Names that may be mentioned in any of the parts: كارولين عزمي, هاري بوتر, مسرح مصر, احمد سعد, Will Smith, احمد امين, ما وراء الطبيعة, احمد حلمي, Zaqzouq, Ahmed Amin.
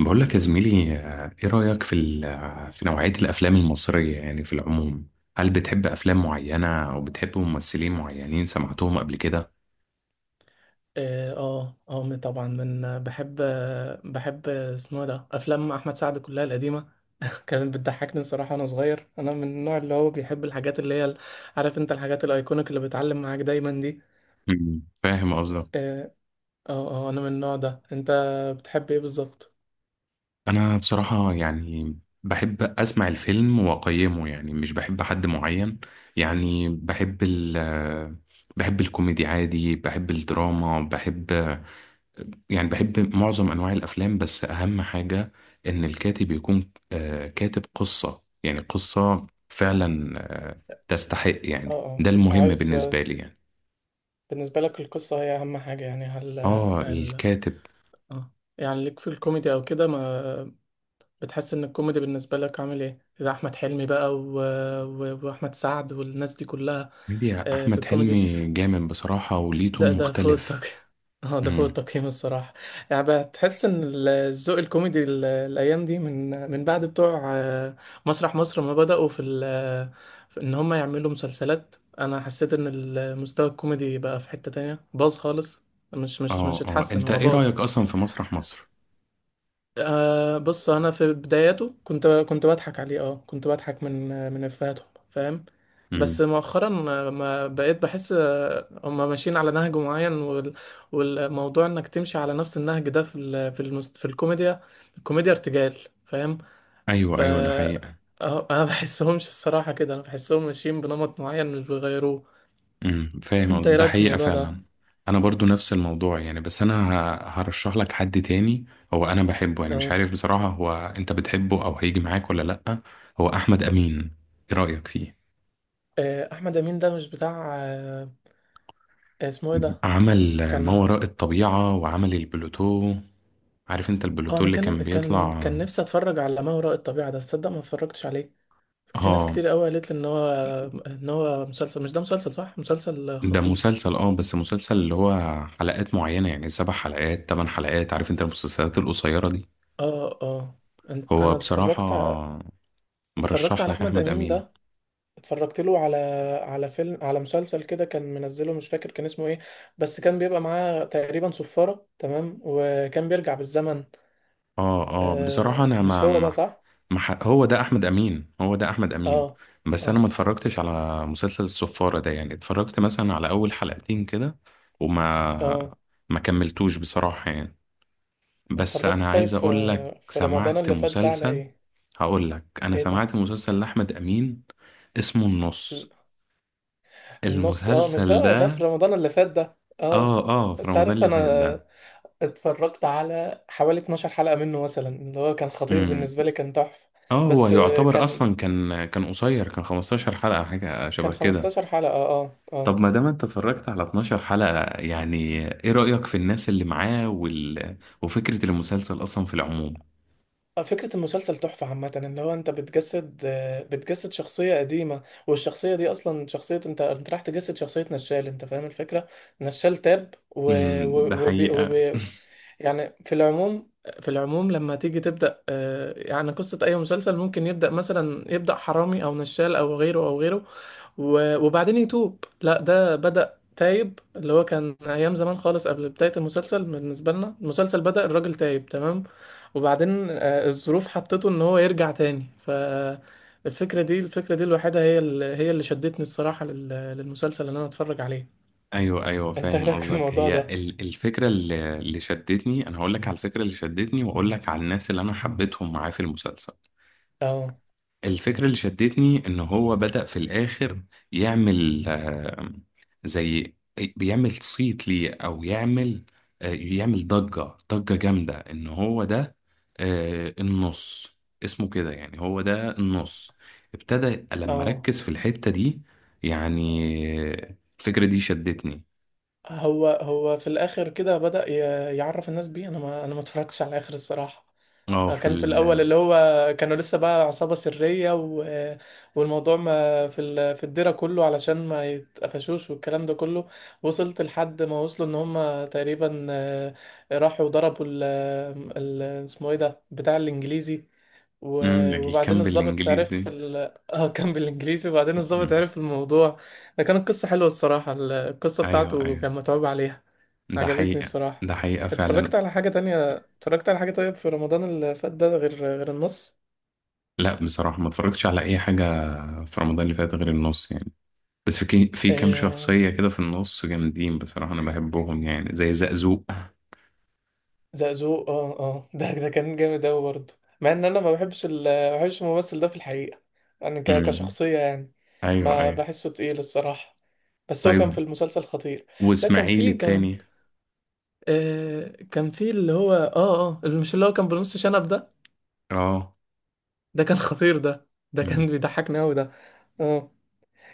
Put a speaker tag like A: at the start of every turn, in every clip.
A: بقول لك يا زميلي ايه رأيك في في نوعية الافلام المصرية يعني في العموم. هل بتحب افلام معينة او بتحب ممثلين معينين سمعتهم قبل كده؟
B: طبعا من بحب، اسمه إيه ده افلام احمد سعد كلها القديمه. كانت بتضحكني الصراحه وانا صغير. انا من النوع اللي هو بيحب الحاجات اللي هي عارف انت، الحاجات الايكونيك اللي بتعلم معاك دايما دي.
A: مم، فاهم قصدك.
B: اه انا من النوع ده. انت بتحب ايه بالظبط؟
A: انا بصراحة يعني بحب اسمع الفيلم واقيمه، يعني مش بحب حد معين، يعني بحب ال آه، بحب الكوميدي عادي، بحب الدراما، بحب يعني بحب معظم أنواع الأفلام، بس أهم حاجة إن الكاتب يكون كاتب قصة، يعني قصة فعلا آه، تستحق،
B: اه
A: يعني
B: اه.
A: ده المهم
B: عايز،
A: بالنسبة لي يعني.
B: بالنسبه لك القصه هي اهم حاجه يعني؟ هل
A: آه
B: هل
A: الكاتب.
B: اه، يعني ليك في الكوميدي او كده؟ ما بتحس ان الكوميدي بالنسبه لك عامل ايه؟ اذا احمد حلمي بقى واحمد سعد والناس دي كلها.
A: ميديا
B: في
A: أحمد
B: الكوميدي،
A: حلمي جامد بصراحة وليه تون
B: ده فوق
A: مختلف.
B: التقييم. اه ده فوق
A: مم.
B: التقييم الصراحه. يعني بتحس ان الذوق الكوميدي الايام دي من بعد بتوع مسرح مصر ما بداوا في، ال... آه، في ان هم يعملوا مسلسلات، انا حسيت ان المستوى الكوميدي بقى في حته تانية باظ خالص. مش مش مش اتحسن،
A: أنت
B: هو
A: إيه
B: باظ.
A: رأيك أصلا في مسرح مصر؟
B: أه بص، انا في بداياته كنت بضحك عليه. اه كنت بضحك من افهاتهم، فاهم؟
A: مم.
B: بس مؤخرا ما بقيت بحس. هم ماشيين على نهج معين وال- والموضوع انك تمشي على نفس النهج ده في في في الكوميديا. الكوميديا ارتجال، فاهم؟
A: أيوه
B: ف
A: أيوه ده حقيقة.
B: انا بحسهمش الصراحة، كده انا بحسهم ماشيين بنمط معين مش بيغيروه.
A: امم،
B: انت
A: فاهم،
B: ايه
A: ده
B: رايك في
A: حقيقة
B: الموضوع ده؟
A: فعلا. انا برضو نفس الموضوع يعني، بس انا هرشح لك حد تاني. هو انا بحبه يعني، مش
B: اه.
A: عارف بصراحة، هو انت بتحبه او هيجي معاك ولا لأ؟ هو احمد امين، ايه رأيك فيه؟
B: احمد امين ده مش بتاع اسمه ايه ده؟
A: عمل ما
B: كان،
A: وراء الطبيعة وعمل البلوتو. عارف انت
B: اه
A: البلوتو
B: انا
A: اللي كان بيطلع؟
B: كان نفسي اتفرج على ما وراء الطبيعة ده، تصدق ما اتفرجتش عليه. في ناس
A: اه
B: كتير قوي قالت لي ان هو، مسلسل، مش ده مسلسل صح، مسلسل
A: ده
B: خطير.
A: مسلسل، اه بس مسلسل اللي هو حلقات معينة، يعني سبع حلقات تمن حلقات، عارف انت المسلسلات القصيرة دي.
B: اه اه.
A: هو
B: انا
A: بصراحة
B: اتفرجت اتفرجت
A: برشح
B: على
A: لك
B: احمد
A: احمد
B: امين
A: امين.
B: ده. اتفرجت له على، على فيلم، على مسلسل كده كان منزله، مش فاكر كان اسمه ايه، بس كان بيبقى معاه تقريبا صفارة، تمام، وكان بيرجع بالزمن.
A: اه اه بصراحة
B: آه
A: انا
B: مش
A: ما
B: هو ده
A: ما
B: صح؟
A: ما ح- هو ده احمد امين، هو ده احمد امين.
B: اه
A: بس انا
B: اه
A: ما اتفرجتش على مسلسل الصفارة ده يعني، اتفرجت مثلا على اول حلقتين كده، وما
B: اه.
A: ما كملتوش بصراحة يعني. بس انا
B: اتفرجت
A: عايز
B: طيب في،
A: اقول لك
B: في رمضان
A: سمعت
B: اللي فات ده على
A: مسلسل،
B: ايه؟
A: هقول لك انا
B: ايه ده؟
A: سمعت مسلسل لاحمد امين اسمه النص،
B: النص؟ اه مش
A: المسلسل
B: ده ده في
A: ده.
B: رمضان اللي فات ده،
A: اه
B: اه.
A: اه في
B: انت
A: رمضان
B: عارف،
A: اللي
B: انا
A: فات ده.
B: اتفرجت على حوالي 12 حلقة منه مثلا، اللي هو كان خطير
A: امم.
B: بالنسبة لي، كان تحفة.
A: اه هو
B: بس
A: يعتبر
B: كان،
A: اصلا كان قصير، كان 15 حلقة حاجة
B: كان
A: شبه كده.
B: 15 حلقة. اه اه
A: طب ما دام انت اتفرجت على 12 حلقة يعني، ايه رأيك في الناس اللي معاه وال... وفكرة المسلسل اصلا في العموم؟
B: فكرة المسلسل تحفة عامة. اللي هو انت بتجسد، بتجسد شخصية قديمة، والشخصية دي اصلا شخصية، انت راح تجسد شخصية نشال، انت فاهم الفكرة. نشال تاب
A: امم، ده
B: و...
A: حقيقة.
B: وبي... يعني في العموم، في العموم لما تيجي تبدأ يعني قصة أي مسلسل، ممكن يبدأ مثلا، يبدأ حرامي أو نشال أو غيره أو غيره وبعدين يتوب، لا ده بدأ تايب، اللي هو كان أيام زمان خالص قبل بداية المسلسل. بالنسبة لنا المسلسل بدأ الراجل تايب، تمام. وبعدين الظروف حطته إن هو يرجع تاني. فالفكرة دي، الفكرة دي الوحيدة هي اللي شدتني الصراحة للمسلسل اللي أنا أتفرج عليه.
A: ايوه ايوه
B: أنت إيه
A: فاهم
B: رأيك في
A: قصدك،
B: الموضوع
A: هي
B: ده؟
A: الفكرة اللي شدتني. انا هقول لك على الفكرة اللي شدتني واقول لك على الناس اللي انا حبيتهم معاه في المسلسل.
B: أه.
A: الفكرة اللي شدتني إن هو بدأ في الآخر يعمل زي بيعمل صيت ليه، أو يعمل يعمل ضجة، ضجة جامدة إن هو ده النص، اسمه كده يعني، هو ده النص. ابتدى لما
B: أه
A: ركز في الحتة دي يعني، الفكرة دي شدتني.
B: هو في الاخر كده بدأ يعرف الناس بيه. انا ما اتفرجتش على الاخر الصراحة.
A: اه في
B: كان في
A: ال،
B: الاول اللي هو كانوا لسه بقى عصابة سرية، والموضوع ما في في الديرة كله علشان ما يتقفشوش والكلام ده كله. وصلت لحد ما وصلوا ان هم تقريبا راحوا ضربوا اسمه ايه ده بتاع الانجليزي، و...
A: مم،
B: وبعدين
A: الكامب
B: الضابط عرف
A: الإنجليزي.
B: اه كان بالانجليزي. وبعدين الضابط
A: مم.
B: عرف الموضوع. ده كانت قصة حلوة الصراحة، القصة
A: أيوه
B: بتاعته
A: أيوه،
B: كان متعوب عليها.
A: ده
B: عجبتني
A: حقيقة،
B: الصراحة.
A: ده حقيقة
B: اتفرجت
A: فعلا.
B: على حاجة تانية، اتفرجت على حاجة طيب في رمضان اللي فات ده غير، النص.
A: لا بصراحة ما اتفرجتش على أي حاجة في رمضان اللي فات غير النص يعني. بس في كام
B: آه...
A: شخصية كده في النص جامدين بصراحة، أنا بحبهم يعني، زي زقزوق.
B: زقزوق اه اه. ده كان جامد أوي برضه، مع إن أنا ما بحبش ما بحبش الممثل ده في الحقيقة، يعني
A: امم.
B: كشخصية يعني.
A: أيوه
B: ما
A: أيوه.
B: بحسه تقيل الصراحة، بس هو كان في
A: طيب،
B: المسلسل خطير. لا كان
A: وإسماعيل
B: في، كان
A: التاني؟
B: كان في اللي هو اه اه اللي، مش اللي هو كان بنص شنب ده.
A: أه.
B: ده كان خطير، ده كان
A: امم.
B: بيضحكني أوي ده. اه.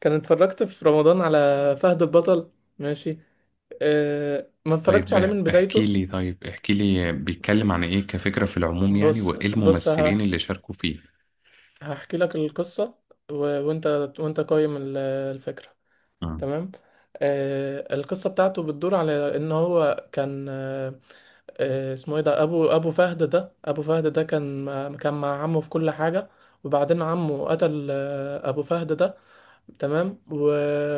B: كان اتفرجت في رمضان على فهد البطل، ماشي. أه ما اتفرجتش
A: طيب
B: عليه من
A: احكي
B: بدايته.
A: لي، طيب احكي لي بيتكلم عن إيه كفكرة في العموم يعني، وإيه
B: بص
A: الممثلين اللي شاركوا فيه؟
B: هحكي لك القصة، و... وانت، قايم الفكرة،
A: امم.
B: تمام. أه القصة بتاعته بتدور على ان هو كان أه اسمه ايه ده، ابو فهد ده. ابو فهد ده كان، كان مع عمه في كل حاجة. وبعدين عمه قتل ابو فهد ده، تمام،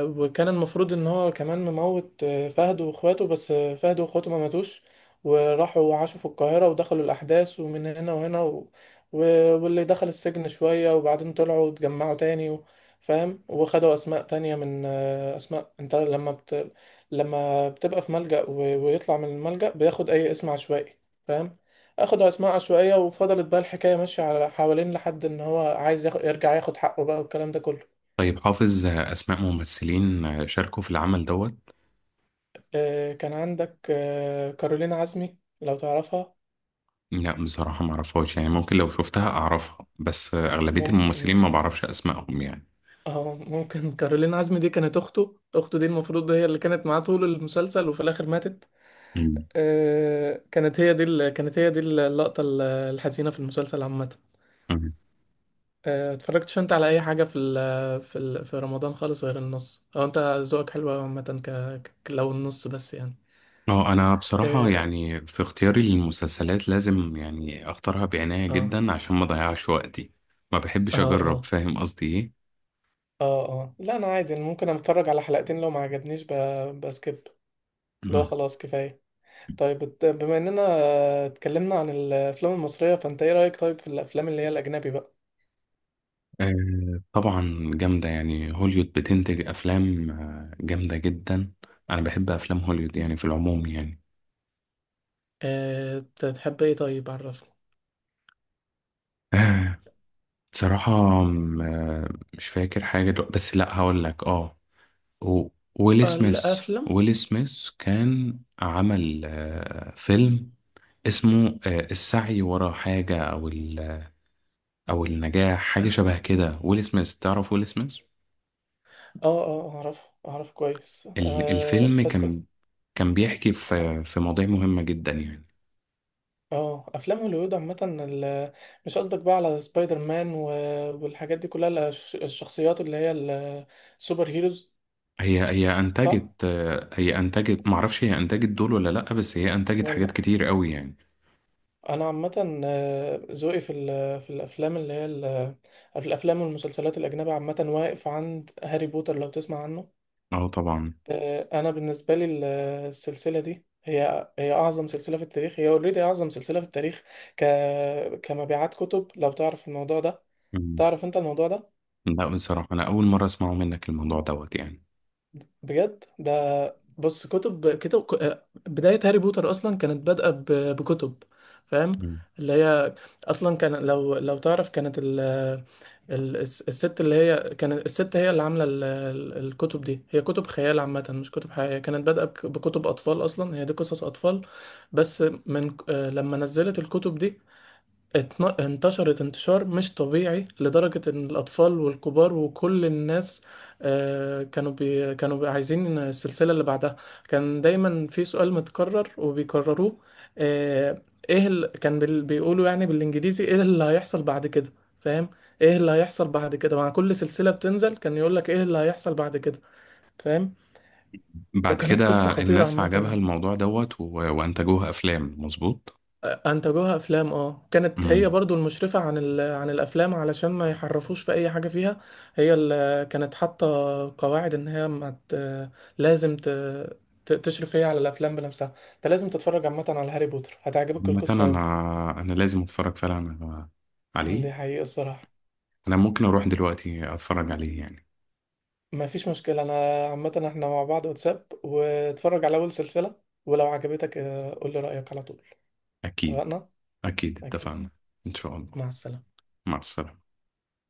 B: وكان المفروض ان هو كمان مموت فهد واخواته، بس فهد واخواته ما ماتوش. وراحوا وعاشوا في القاهرة ودخلوا الأحداث ومن هنا وهنا و... واللي دخل السجن شوية وبعدين طلعوا واتجمعوا تاني، فاهم. وخدوا أسماء تانية من، أسماء أنت لما لما بتبقى في ملجأ ويطلع من الملجأ بياخد أي اسم عشوائي، فاهم. أخدوا أسماء عشوائية وفضلت بقى الحكاية ماشية على حوالين لحد إن هو عايز يرجع ياخد حقه بقى والكلام ده كله.
A: طيب حافظ أسماء ممثلين شاركوا في العمل دوت؟
B: كان عندك كارولين عزمي، لو تعرفها.
A: لا بصراحة ما اعرفهاش يعني، ممكن لو شفتها اعرفها، بس اغلبية الممثلين
B: ممكن.
A: ما بعرفش اسمائهم يعني.
B: اه ممكن، كارولين عزمي دي كانت اخته، اخته دي المفروض هي اللي كانت معاه طول المسلسل، وفي الاخر ماتت.
A: مم.
B: كانت هي دي كانت هي دي اللقطة الحزينة في المسلسل عامة.
A: مم.
B: اتفرجتش انت على اي حاجة في ال، في رمضان خالص غير النص؟ او انت ذوقك حلو أوي عامة؟ لو النص بس يعني.
A: اه انا بصراحة
B: اه
A: يعني في اختياري للمسلسلات لازم يعني اختارها بعناية
B: اه
A: جدا عشان ما اضيعش وقتي، ما
B: اه
A: بحبش اجرب،
B: اه
A: فاهم قصدي ايه؟
B: اه اه. لا انا عادي، أنا ممكن اتفرج على حلقتين لو ما عجبنيش، بسكيب. لا
A: مم.
B: خلاص كفاية. طيب بما اننا اتكلمنا عن الافلام المصرية، فانت ايه رأيك طيب في الافلام اللي هي الاجنبي بقى؟
A: آه طبعا جامدة يعني، هوليوود بتنتج افلام جامدة جدا. انا بحب افلام هوليوود يعني في العموم يعني.
B: اه تحب ايه طيب؟ عرفني
A: آه بصراحة، م- آه، مش فاكر حاجة دلوقتي، بس لا هقول لك اه، و- ويل سميث،
B: الافلام.
A: ويل سميث كان عمل فيلم اسمه السعي ورا حاجة، أو أو النجاح، حاجة شبه كده. ويل سميث، تعرف ويل سميث؟
B: اه اه اعرف، اعرف كويس آه
A: الفيلم
B: بس.
A: كان بيحكي في في مواضيع مهمة جدا يعني.
B: اه افلام هوليوود عامة مش قصدك بقى على سبايدر مان والحاجات دي كلها، الشخصيات اللي هي السوبر هيروز.
A: هي
B: صح؟
A: أنتجت، هي أنتجت، معرفش هي أنتجت دول ولا لأ، بس هي أنتجت حاجات
B: ولا.
A: كتير قوي يعني.
B: انا عامه ذوقي في في الافلام اللي هي في الافلام والمسلسلات الاجنبيه عامه واقف عند هاري بوتر، لو تسمع عنه.
A: أه طبعا.
B: انا بالنسبه لي السلسله دي هي اعظم سلسله في التاريخ، هي اوريدي اعظم سلسله في التاريخ ك كمبيعات كتب، لو تعرف الموضوع ده.
A: مم.
B: تعرف انت الموضوع ده؟
A: لا بصراحة أنا أول مرة أسمعه منك الموضوع دوت يعني.
B: بجد ده، بص، كتب كتب ك- آه، بداية هاري بوتر أصلا كانت بادئة بكتب، فاهم، اللي هي أصلا كان، لو تعرف كانت الست اللي هي كانت، الست هي اللي عاملة الكتب دي، هي كتب خيال عامة مش كتب حقيقية. كانت بادئة بكتب أطفال أصلا، هي دي قصص أطفال. بس من لما نزلت الكتب دي انتشرت انتشار مش طبيعي، لدرجة ان الاطفال والكبار وكل الناس كانوا بي عايزين السلسلة اللي بعدها. كان دايما في سؤال متكرر وبيكرروه، آه، ايه كان بيقولوا يعني بالانجليزي ايه اللي هيحصل بعد كده، فاهم. ايه اللي هيحصل بعد كده مع كل سلسلة بتنزل، كان يقولك ايه اللي هيحصل بعد كده، فاهم.
A: بعد
B: كانت
A: كده
B: قصة خطيرة
A: الناس عجبها
B: عامة.
A: الموضوع دوت و... وانتجوها افلام، مظبوط.
B: انتجوها افلام، اه كانت هي
A: امم.
B: برضو المشرفة عن عن الافلام علشان ما يحرفوش في اي حاجة فيها. هي اللي كانت حاطة قواعد ان هي ما ت... لازم ت... تشرف هي على الافلام بنفسها. انت لازم تتفرج عامة على هاري بوتر، هتعجبك
A: مثلا
B: القصة اوي.
A: انا لازم اتفرج فعلا
B: اه،
A: عليه،
B: دي حقيقة الصراحة.
A: انا ممكن اروح دلوقتي اتفرج عليه يعني.
B: ما فيش مشكلة، انا عامة احنا مع بعض واتساب واتفرج على اول سلسلة، ولو عجبتك قول لي رأيك على طول.
A: اكيد،
B: اتفقنا؟
A: اكيد
B: اكيد.
A: اتفقنا. ان شاء الله.
B: مع السلامة.
A: مع السلامة.